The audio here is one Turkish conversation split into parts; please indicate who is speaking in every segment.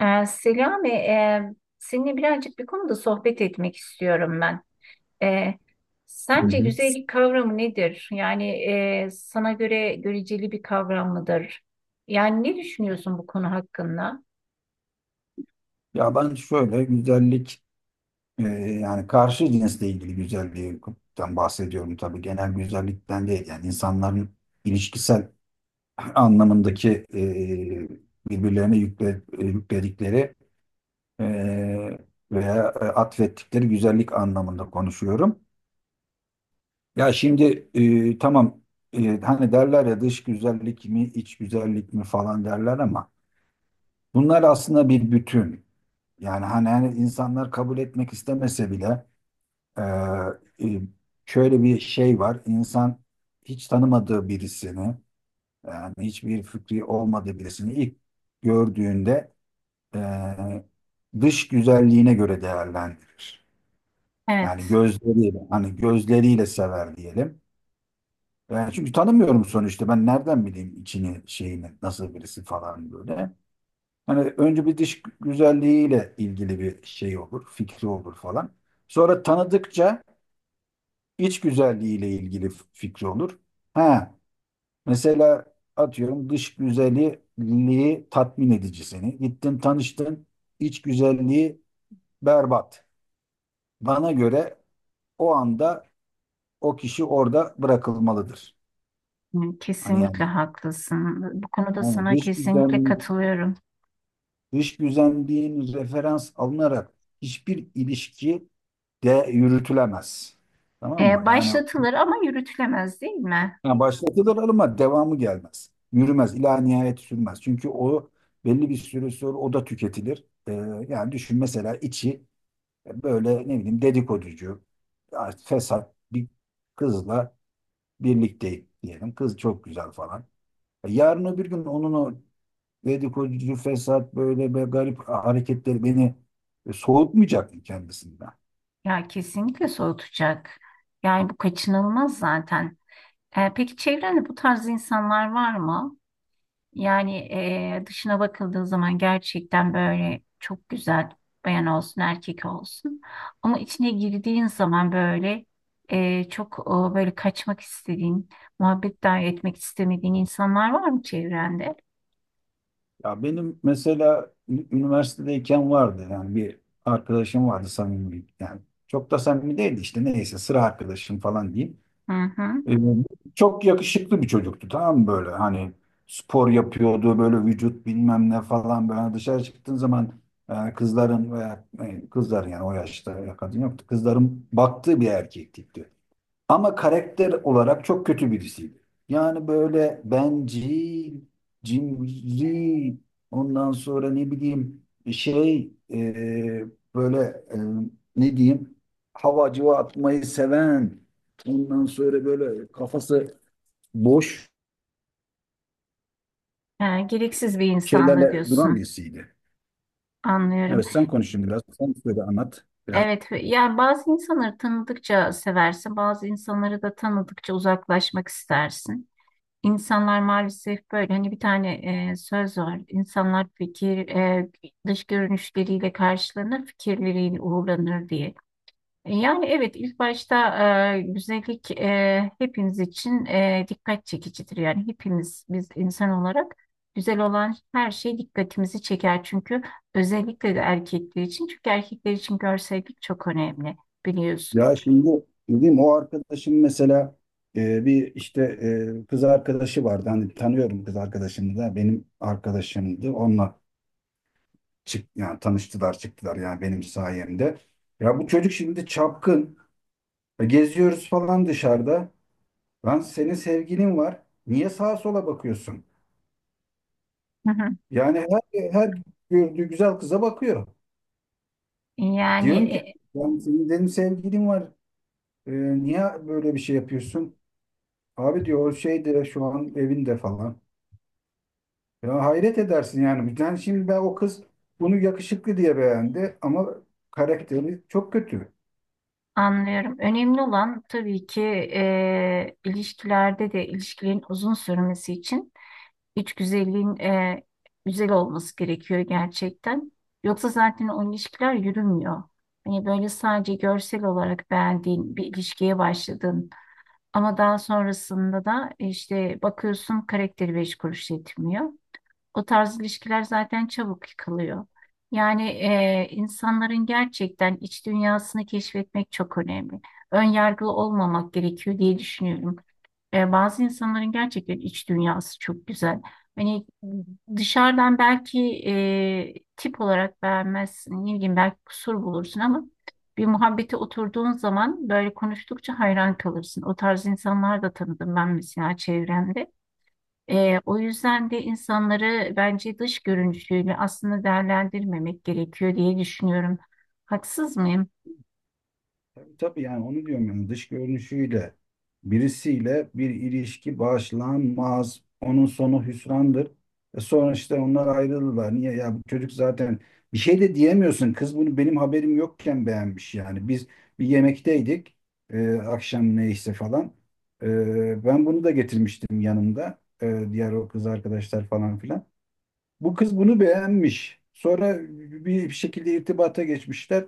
Speaker 1: Selami, seninle birazcık bir konuda sohbet etmek istiyorum ben. Ee,
Speaker 2: Hı
Speaker 1: Sence
Speaker 2: hı.
Speaker 1: güzellik kavramı nedir? Yani sana göre göreceli bir kavram mıdır? Yani ne düşünüyorsun bu konu hakkında?
Speaker 2: Ya ben şöyle güzellik, e, yani karşı cinsle ilgili güzellikten bahsediyorum tabii. Genel güzellikten değil. Yani insanların ilişkisel anlamındaki birbirlerine yükledikleri e, veya atfettikleri güzellik anlamında konuşuyorum. Ya şimdi tamam, hani derler ya dış güzellik mi iç güzellik mi falan derler ama bunlar aslında bir bütün. Yani hani insanlar kabul etmek istemese bile Ee, e, şöyle bir şey var. İnsan hiç tanımadığı birisini, yani hiçbir fikri olmadığı birisini ilk gördüğünde e, dış güzelliğine göre değerlendirir. Yani
Speaker 1: Evet.
Speaker 2: gözleriyle, hani gözleriyle sever diyelim. Yani, çünkü tanımıyorum sonuçta. Ben nereden bileyim içini, şeyini, nasıl birisi falan böyle. Hani önce bir dış güzelliğiyle ilgili bir şey olur, fikri olur falan. Sonra tanıdıkça İç güzelliği ile ilgili fikri olur. Ha, mesela, atıyorum dış güzelliği tatmin edici seni. Gittin, tanıştın, iç güzelliği berbat. Bana göre o anda o kişi orada bırakılmalıdır.
Speaker 1: Hı,
Speaker 2: Hani yani,
Speaker 1: kesinlikle haklısın. Bu konuda
Speaker 2: yani
Speaker 1: sana kesinlikle katılıyorum.
Speaker 2: dış güzelliğin referans alınarak hiçbir ilişki de yürütülemez. Tamam mı? Yani
Speaker 1: Başlatılır ama yürütülemez değil mi?
Speaker 2: ha, başlatılır ama devamı gelmez. Yürümez, ila nihayet sürmez. Çünkü o belli bir süre sonra o da tüketilir. Yani düşün, mesela içi böyle ne bileyim dedikoducu, ya fesat bir kızla birlikteyim diyelim. Kız çok güzel falan. Yarın öbür gün onun o dedikoducu, fesat, böyle be garip hareketleri beni soğutmayacak mı kendisinden?
Speaker 1: Ya kesinlikle soğutacak. Yani bu kaçınılmaz zaten. E, peki çevrende bu tarz insanlar var mı? Yani dışına bakıldığı zaman gerçekten böyle çok güzel bayan olsun, erkek olsun. Ama içine girdiğin zaman böyle çok böyle kaçmak istediğin, muhabbet dahi etmek istemediğin insanlar var mı çevrende?
Speaker 2: Ya benim mesela üniversitedeyken vardı yani, bir arkadaşım vardı samimi, yani çok da samimi değildi, işte neyse sıra arkadaşım falan diyeyim.
Speaker 1: Hı hı.
Speaker 2: Ee, Çok yakışıklı bir çocuktu, tamam mı, böyle hani spor yapıyordu, böyle vücut bilmem ne falan, böyle hani dışarı çıktığın zaman kızların veya kızlar, yani o yaşta ya kadın yoktu, kızların baktığı bir erkek tipti. Ama karakter olarak çok kötü birisiydi. Yani böyle bencil, cimri, ondan sonra ne bileyim şey, böyle, e, ne diyeyim, hava civa atmayı seven, ondan sonra böyle kafası boş
Speaker 1: E, gereksiz bir insanda
Speaker 2: şeylerle duran
Speaker 1: diyorsun.
Speaker 2: birisiydi.
Speaker 1: Anlıyorum.
Speaker 2: Evet, sen konuşun biraz. Sen söyle, anlat biraz.
Speaker 1: Evet, yani bazı insanları tanıdıkça seversin, bazı insanları da tanıdıkça uzaklaşmak istersin. İnsanlar maalesef böyle hani bir tane söz var. İnsanlar dış görünüşleriyle karşılanır, fikirleriyle uğurlanır diye. E, yani evet ilk başta güzellik hepimiz için dikkat çekicidir. Yani hepimiz biz insan olarak güzel olan her şey dikkatimizi çeker. Çünkü özellikle de erkekler için. Çünkü erkekler için görsellik çok önemli biliyorsun.
Speaker 2: Ya şimdi dedim, o arkadaşım mesela, bir işte kız arkadaşı vardı. Hani tanıyorum kız arkadaşını da, benim arkadaşımdı. Onunla çık, yani tanıştılar, çıktılar, yani benim sayemde. Ya bu çocuk şimdi çapkın. Geziyoruz falan dışarıda. Lan, senin sevgilin var. Niye sağa sola bakıyorsun?
Speaker 1: Hı hı.
Speaker 2: Yani her gördüğü güzel kıza bakıyor.
Speaker 1: Yani
Speaker 2: Diyorum ki, yani senin dedim sevgilin var. Niye böyle bir şey yapıyorsun? Abi diyor, o şeyde, şu an evinde falan. Ya hayret edersin yani. Yani şimdi ben, o kız bunu yakışıklı diye beğendi ama karakteri çok kötü.
Speaker 1: anlıyorum. Önemli olan tabii ki ilişkilerde de ilişkilerin uzun sürmesi için. İç güzelliğin güzel olması gerekiyor gerçekten. Yoksa zaten o ilişkiler yürümüyor. Hani böyle sadece görsel olarak beğendiğin bir ilişkiye başladın ama daha sonrasında da işte bakıyorsun karakteri beş kuruş yetmiyor. O tarz ilişkiler zaten çabuk yıkılıyor. Yani insanların gerçekten iç dünyasını keşfetmek çok önemli. Ön yargılı olmamak gerekiyor diye düşünüyorum. E, bazı insanların gerçekten iç dünyası çok güzel. Hani dışarıdan belki tip olarak beğenmezsin, ne bileyim belki kusur bulursun ama bir muhabbete oturduğun zaman böyle konuştukça hayran kalırsın. O tarz insanlar da tanıdım ben mesela çevremde. O yüzden de insanları bence dış görünüşüyle aslında değerlendirmemek gerekiyor diye düşünüyorum. Haksız mıyım?
Speaker 2: Tabii, tabii, yani onu diyorum, yani dış görünüşüyle birisiyle bir ilişki başlanmaz. Onun sonu hüsrandır. Sonra işte onlar ayrıldılar. Niye ya, bu çocuk zaten, bir şey de diyemiyorsun. Kız bunu benim haberim yokken beğenmiş yani. Biz bir yemekteydik. Akşam neyse falan. Ben bunu da getirmiştim yanımda. Diğer o kız arkadaşlar falan filan. Bu kız bunu beğenmiş. Sonra bir şekilde irtibata geçmişler.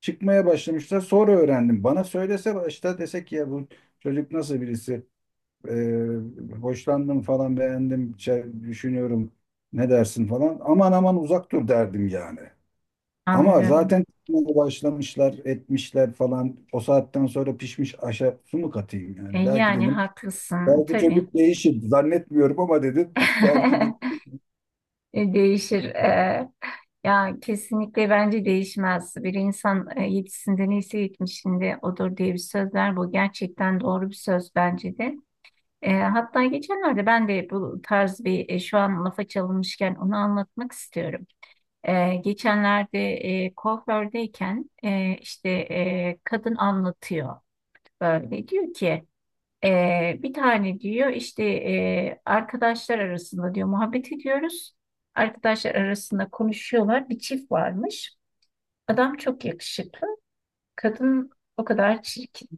Speaker 2: Çıkmaya başlamışlar. Sonra öğrendim. Bana söylese başta, desek ki, ya bu çocuk nasıl birisi? Ee, Hoşlandım falan, beğendim, şey düşünüyorum, ne dersin falan. Aman aman, uzak dur derdim yani. Ama
Speaker 1: Anlıyorum.
Speaker 2: zaten çıkmaya başlamışlar, etmişler falan. O saatten sonra pişmiş aşa su mu katayım
Speaker 1: E,
Speaker 2: yani? Belki
Speaker 1: yani
Speaker 2: dedim.
Speaker 1: haklısın
Speaker 2: Belki
Speaker 1: tabii.
Speaker 2: çocuk değişir. Zannetmiyorum ama, dedim, belki de.
Speaker 1: E, değişir. Ya kesinlikle bence değişmez. Bir insan yetisinde neyse yetmişinde odur diye bir söz var. Bu gerçekten doğru bir söz bence de. E, hatta geçenlerde ben de bu tarz bir şu an lafa çalınmışken onu anlatmak istiyorum. Geçenlerde kuafördeyken işte kadın anlatıyor böyle diyor ki bir tane diyor işte arkadaşlar arasında diyor muhabbet ediyoruz. Arkadaşlar arasında konuşuyorlar bir çift varmış. Adam çok yakışıklı kadın o kadar çirkin.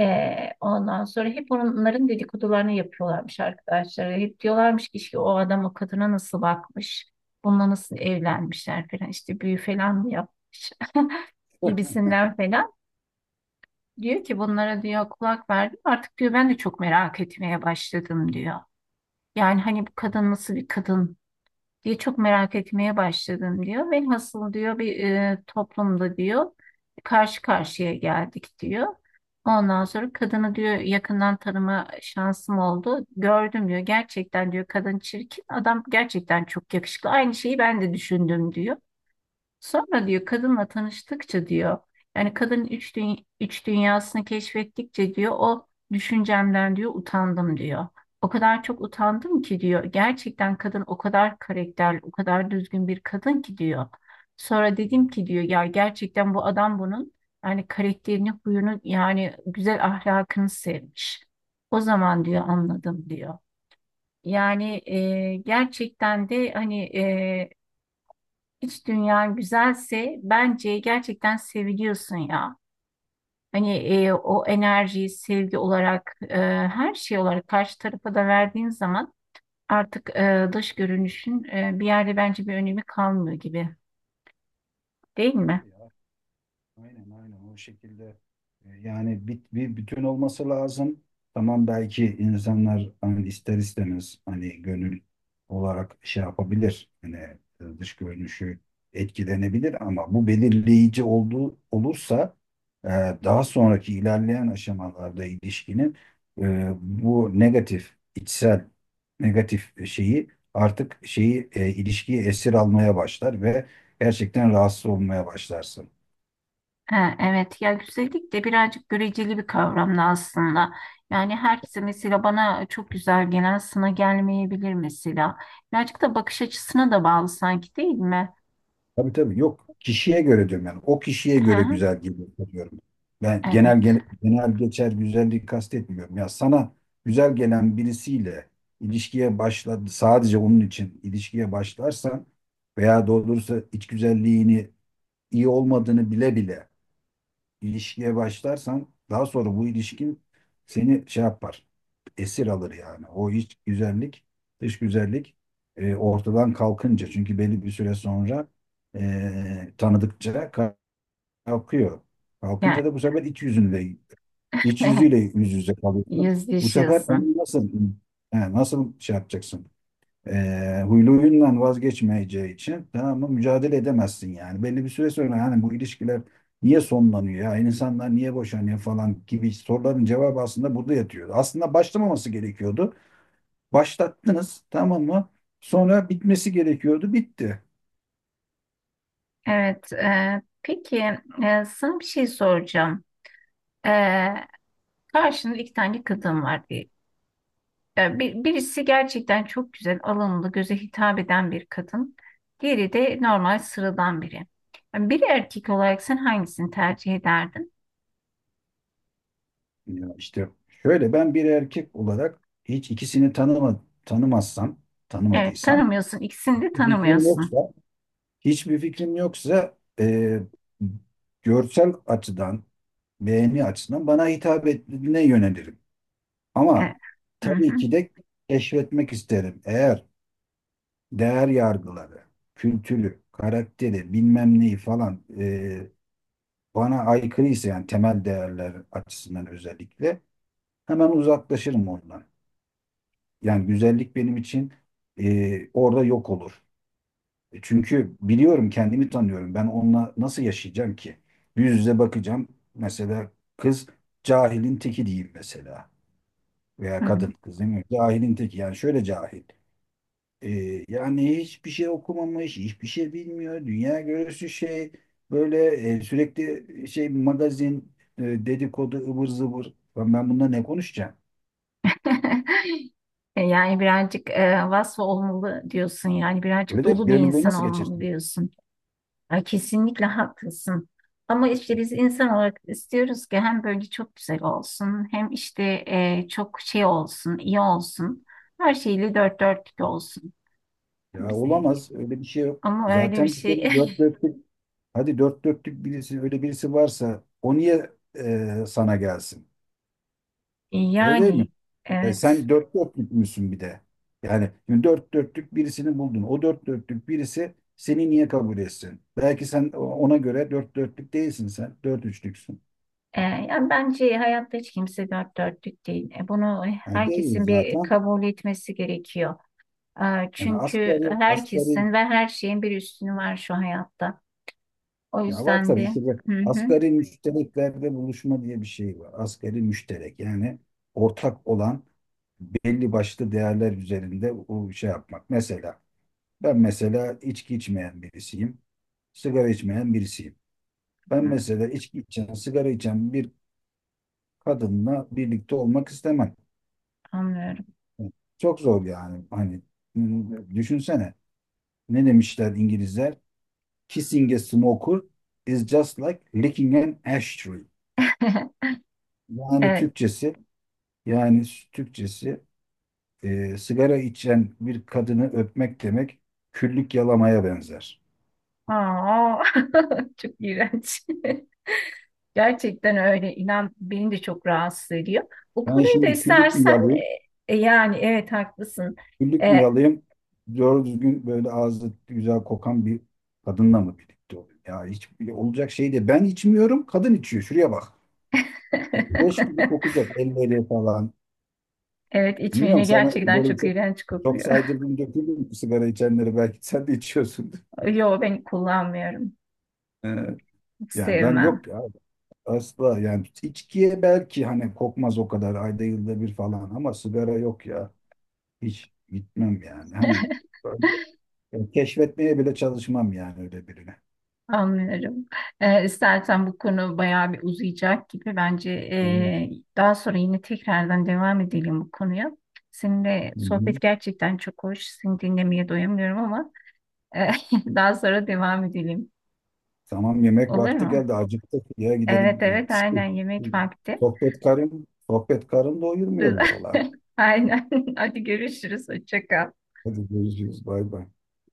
Speaker 1: Ondan sonra hep onların dedikodularını yapıyorlarmış arkadaşlar. Hep diyorlarmış ki işte o adam o kadına nasıl bakmış, bununla nasıl evlenmişler falan işte büyü falan mı yapmış gibisinden falan. Diyor ki bunlara diyor kulak verdim artık diyor ben de çok merak etmeye başladım diyor. Yani hani bu kadın nasıl bir kadın? Diye çok merak etmeye başladım diyor. Velhasıl diyor bir toplumda diyor karşı karşıya geldik diyor. Ondan sonra kadını diyor yakından tanıma şansım oldu. Gördüm diyor gerçekten diyor kadın çirkin adam gerçekten çok yakışıklı. Aynı şeyi ben de düşündüm diyor. Sonra diyor kadınla tanıştıkça diyor yani kadının üç dünyasını keşfettikçe diyor o düşüncemden diyor utandım diyor. O kadar çok utandım ki diyor gerçekten kadın o kadar karakterli o kadar düzgün bir kadın ki diyor. Sonra dedim ki diyor ya gerçekten bu adam bunun yani karakterini huyunu yani güzel ahlakını sevmiş. O zaman diyor anladım diyor. Yani gerçekten de hani İç dünyan güzelse bence gerçekten seviliyorsun ya. Hani o enerjiyi sevgi olarak her şey olarak karşı tarafa da verdiğin zaman artık dış görünüşün bir yerde bence bir önemi kalmıyor gibi değil mi?
Speaker 2: Tabii ya. Aynen, aynen o şekilde, yani bir bütün olması lazım. Tamam, belki insanlar hani ister istemez hani gönül olarak şey yapabilir. Hani dış görünüşü etkilenebilir ama bu belirleyici olduğu olursa, e, daha sonraki ilerleyen aşamalarda ilişkinin, bu negatif içsel, negatif şeyi, artık şeyi, ilişkiyi esir almaya başlar ve gerçekten rahatsız olmaya başlarsın.
Speaker 1: Ha, evet ya güzellik de birazcık göreceli bir kavram da aslında. Yani herkese mesela bana çok güzel gelen sana gelmeyebilir mesela. Birazcık da bakış açısına da bağlı sanki değil mi?
Speaker 2: Tabii, tabii, yok. Kişiye göre diyorum yani. O kişiye
Speaker 1: Hı
Speaker 2: göre
Speaker 1: hı,
Speaker 2: güzel geliyor diyorum. Ben genel
Speaker 1: evet.
Speaker 2: genel geçer güzelliği kastetmiyorum. Ya sana güzel gelen birisiyle ilişkiye başladı, sadece onun için ilişkiye başlarsan veya doğrusu iç güzelliğini iyi olmadığını bile bile ilişkiye başlarsan, daha sonra bu ilişkin seni şey yapar. Esir alır yani. O iç güzellik, dış güzellik ortadan kalkınca, çünkü belli bir süre sonra tanıdıkça kalkıyor.
Speaker 1: Yani
Speaker 2: Kalkınca da bu sefer iç yüzüyle yüz yüze kalıyorsun. Bu sefer
Speaker 1: yüzleşiyorsun.
Speaker 2: onu nasıl şey yapacaksın? Huylu huyundan vazgeçmeyeceği için, tamam mı, mücadele edemezsin yani. Belli bir süre sonra, yani bu ilişkiler niye sonlanıyor, ya insanlar niye boşanıyor falan gibi soruların cevabı aslında burada yatıyordu. Aslında başlamaması gerekiyordu. Başlattınız, tamam mı? Sonra bitmesi gerekiyordu, bitti.
Speaker 1: Evet. Peki sana bir şey soracağım. E, Karşında iki tane kadın var diye. E, birisi gerçekten çok güzel, alımlı, göze hitap eden bir kadın. Diğeri de normal, sıradan biri. Yani bir erkek olarak sen hangisini tercih ederdin?
Speaker 2: Ya işte şöyle, ben bir erkek olarak hiç ikisini
Speaker 1: Evet,
Speaker 2: tanımadıysam,
Speaker 1: tanımıyorsun. İkisini de
Speaker 2: bir fikrim
Speaker 1: tanımıyorsun.
Speaker 2: yoksa, hiçbir fikrim yoksa, görsel açıdan, beğeni açısından bana hitap ettiğine yönelirim.
Speaker 1: E,
Speaker 2: Ama
Speaker 1: hı hı,
Speaker 2: tabii ki de keşfetmek isterim. Eğer değer yargıları, kültürü, karakteri, bilmem neyi falan, bana aykırıysa, yani temel değerler açısından özellikle, hemen uzaklaşırım ondan. Yani güzellik benim için orada yok olur. Çünkü biliyorum, kendimi tanıyorum. Ben onunla nasıl yaşayacağım ki? Yüz yüze bakacağım. Mesela kız cahilin teki diyeyim mesela. Veya
Speaker 1: hı.
Speaker 2: kadın, kız değil mi? Cahilin teki, yani şöyle cahil. Yani hiçbir şey okumamış, hiçbir şey bilmiyor. Dünya görüşü şey, böyle, sürekli şey magazin, dedikodu, ıvır zıvır. Ben bununla ne konuşacağım?
Speaker 1: E, yani birazcık vasfı olmalı diyorsun. Yani birazcık
Speaker 2: Öyle değil mi?
Speaker 1: dolu bir
Speaker 2: Bir Emir Bey
Speaker 1: insan
Speaker 2: nasıl
Speaker 1: olmalı
Speaker 2: geçirsin?
Speaker 1: diyorsun. Ay kesinlikle haklısın. Ama işte biz insan olarak istiyoruz ki hem böyle çok güzel olsun hem işte çok şey olsun, iyi olsun. Her şeyle dört dörtlük olsun.
Speaker 2: Ya
Speaker 1: Biz, e,
Speaker 2: olamaz. Öyle bir şey yok.
Speaker 1: Ama öyle bir
Speaker 2: Zaten bir
Speaker 1: şey
Speaker 2: kere dört dörtlük, hadi dört dörtlük birisi, öyle birisi varsa o niye sana gelsin? Öyle değil mi?
Speaker 1: yani evet.
Speaker 2: Sen dört dörtlük müsün bir de. Yani şimdi dört dörtlük birisini buldun. O dört dörtlük birisi seni niye kabul etsin? Belki sen ona göre dört dörtlük değilsin sen. Dört üçlüksün.
Speaker 1: E, yani bence hayatta hiç kimse dört dörtlük değil. E, bunu
Speaker 2: Yani değil
Speaker 1: herkesin bir
Speaker 2: zaten.
Speaker 1: kabul etmesi gerekiyor. E,
Speaker 2: Yani
Speaker 1: çünkü
Speaker 2: asgari, asgari,
Speaker 1: herkesin ve her şeyin bir üstünü var şu hayatta. O
Speaker 2: ya var
Speaker 1: yüzden
Speaker 2: tabii
Speaker 1: de
Speaker 2: ki de,
Speaker 1: hı hı,
Speaker 2: asgari müştereklerde buluşma diye bir şey var. Asgari müşterek, yani ortak olan belli başlı değerler üzerinde o şey yapmak. Mesela ben, mesela içki içmeyen birisiyim. Sigara içmeyen birisiyim. Ben
Speaker 1: hı,
Speaker 2: mesela içki içen, sigara içen bir kadınla birlikte olmak istemem.
Speaker 1: anlıyorum.
Speaker 2: Çok zor yani. Hani düşünsene. Ne demişler İngilizler? Kissing a smoker is just like licking an ashtray. Yani
Speaker 1: Evet.
Speaker 2: Türkçesi, yani Türkçesi, sigara içen bir kadını öpmek demek küllük yalamaya benzer.
Speaker 1: Aa, çok iğrenç. Gerçekten öyle. İnan beni de çok rahatsız ediyor. Bu
Speaker 2: Ben
Speaker 1: konuyu da
Speaker 2: şimdi küllük mü
Speaker 1: istersen
Speaker 2: yalayayım?
Speaker 1: yani evet haklısın.
Speaker 2: Güllük mü
Speaker 1: E,
Speaker 2: yalayım? Doğru düzgün böyle ağzı güzel kokan bir kadınla mı birlikte olayım? Ya hiç olacak şey de, ben içmiyorum, kadın içiyor. Şuraya bak. Leş gibi kokacak elleri falan.
Speaker 1: evet içmeyene
Speaker 2: Bilmiyorum, sana
Speaker 1: gerçekten
Speaker 2: böyle
Speaker 1: çok
Speaker 2: çok
Speaker 1: iğrenç
Speaker 2: çok
Speaker 1: kokuyor.
Speaker 2: saydırdım, döküldüm sigara içenleri, belki sen de içiyorsundur.
Speaker 1: Yo ben kullanmıyorum.
Speaker 2: Ee,
Speaker 1: Hiç
Speaker 2: Yani ben,
Speaker 1: sevmem.
Speaker 2: yok ya, asla, yani içkiye belki hani kokmaz o kadar, ayda yılda bir falan, ama sigara yok ya, hiç gitmem yani, hani ben- ben keşfetmeye bile çalışmam yani öyle birine.
Speaker 1: Anlıyorum. İstersen bu konu bayağı bir uzayacak gibi. Bence
Speaker 2: Ee,
Speaker 1: daha sonra yine tekrardan devam edelim bu konuya. Seninle
Speaker 2: Hı
Speaker 1: sohbet
Speaker 2: hı.
Speaker 1: gerçekten çok hoş. Seni dinlemeye doyamıyorum ama e, daha sonra devam edelim.
Speaker 2: Tamam, yemek
Speaker 1: Olur
Speaker 2: vakti
Speaker 1: mu?
Speaker 2: geldi. Acıktık. Ya
Speaker 1: Evet
Speaker 2: gidelim.
Speaker 1: evet
Speaker 2: İşte.
Speaker 1: aynen yemek vakti.
Speaker 2: Sohbet karın doyurmuyor valla.
Speaker 1: Aynen. Hadi görüşürüz. Hoşça kal.
Speaker 2: Hadi görüşürüz. Bay bay.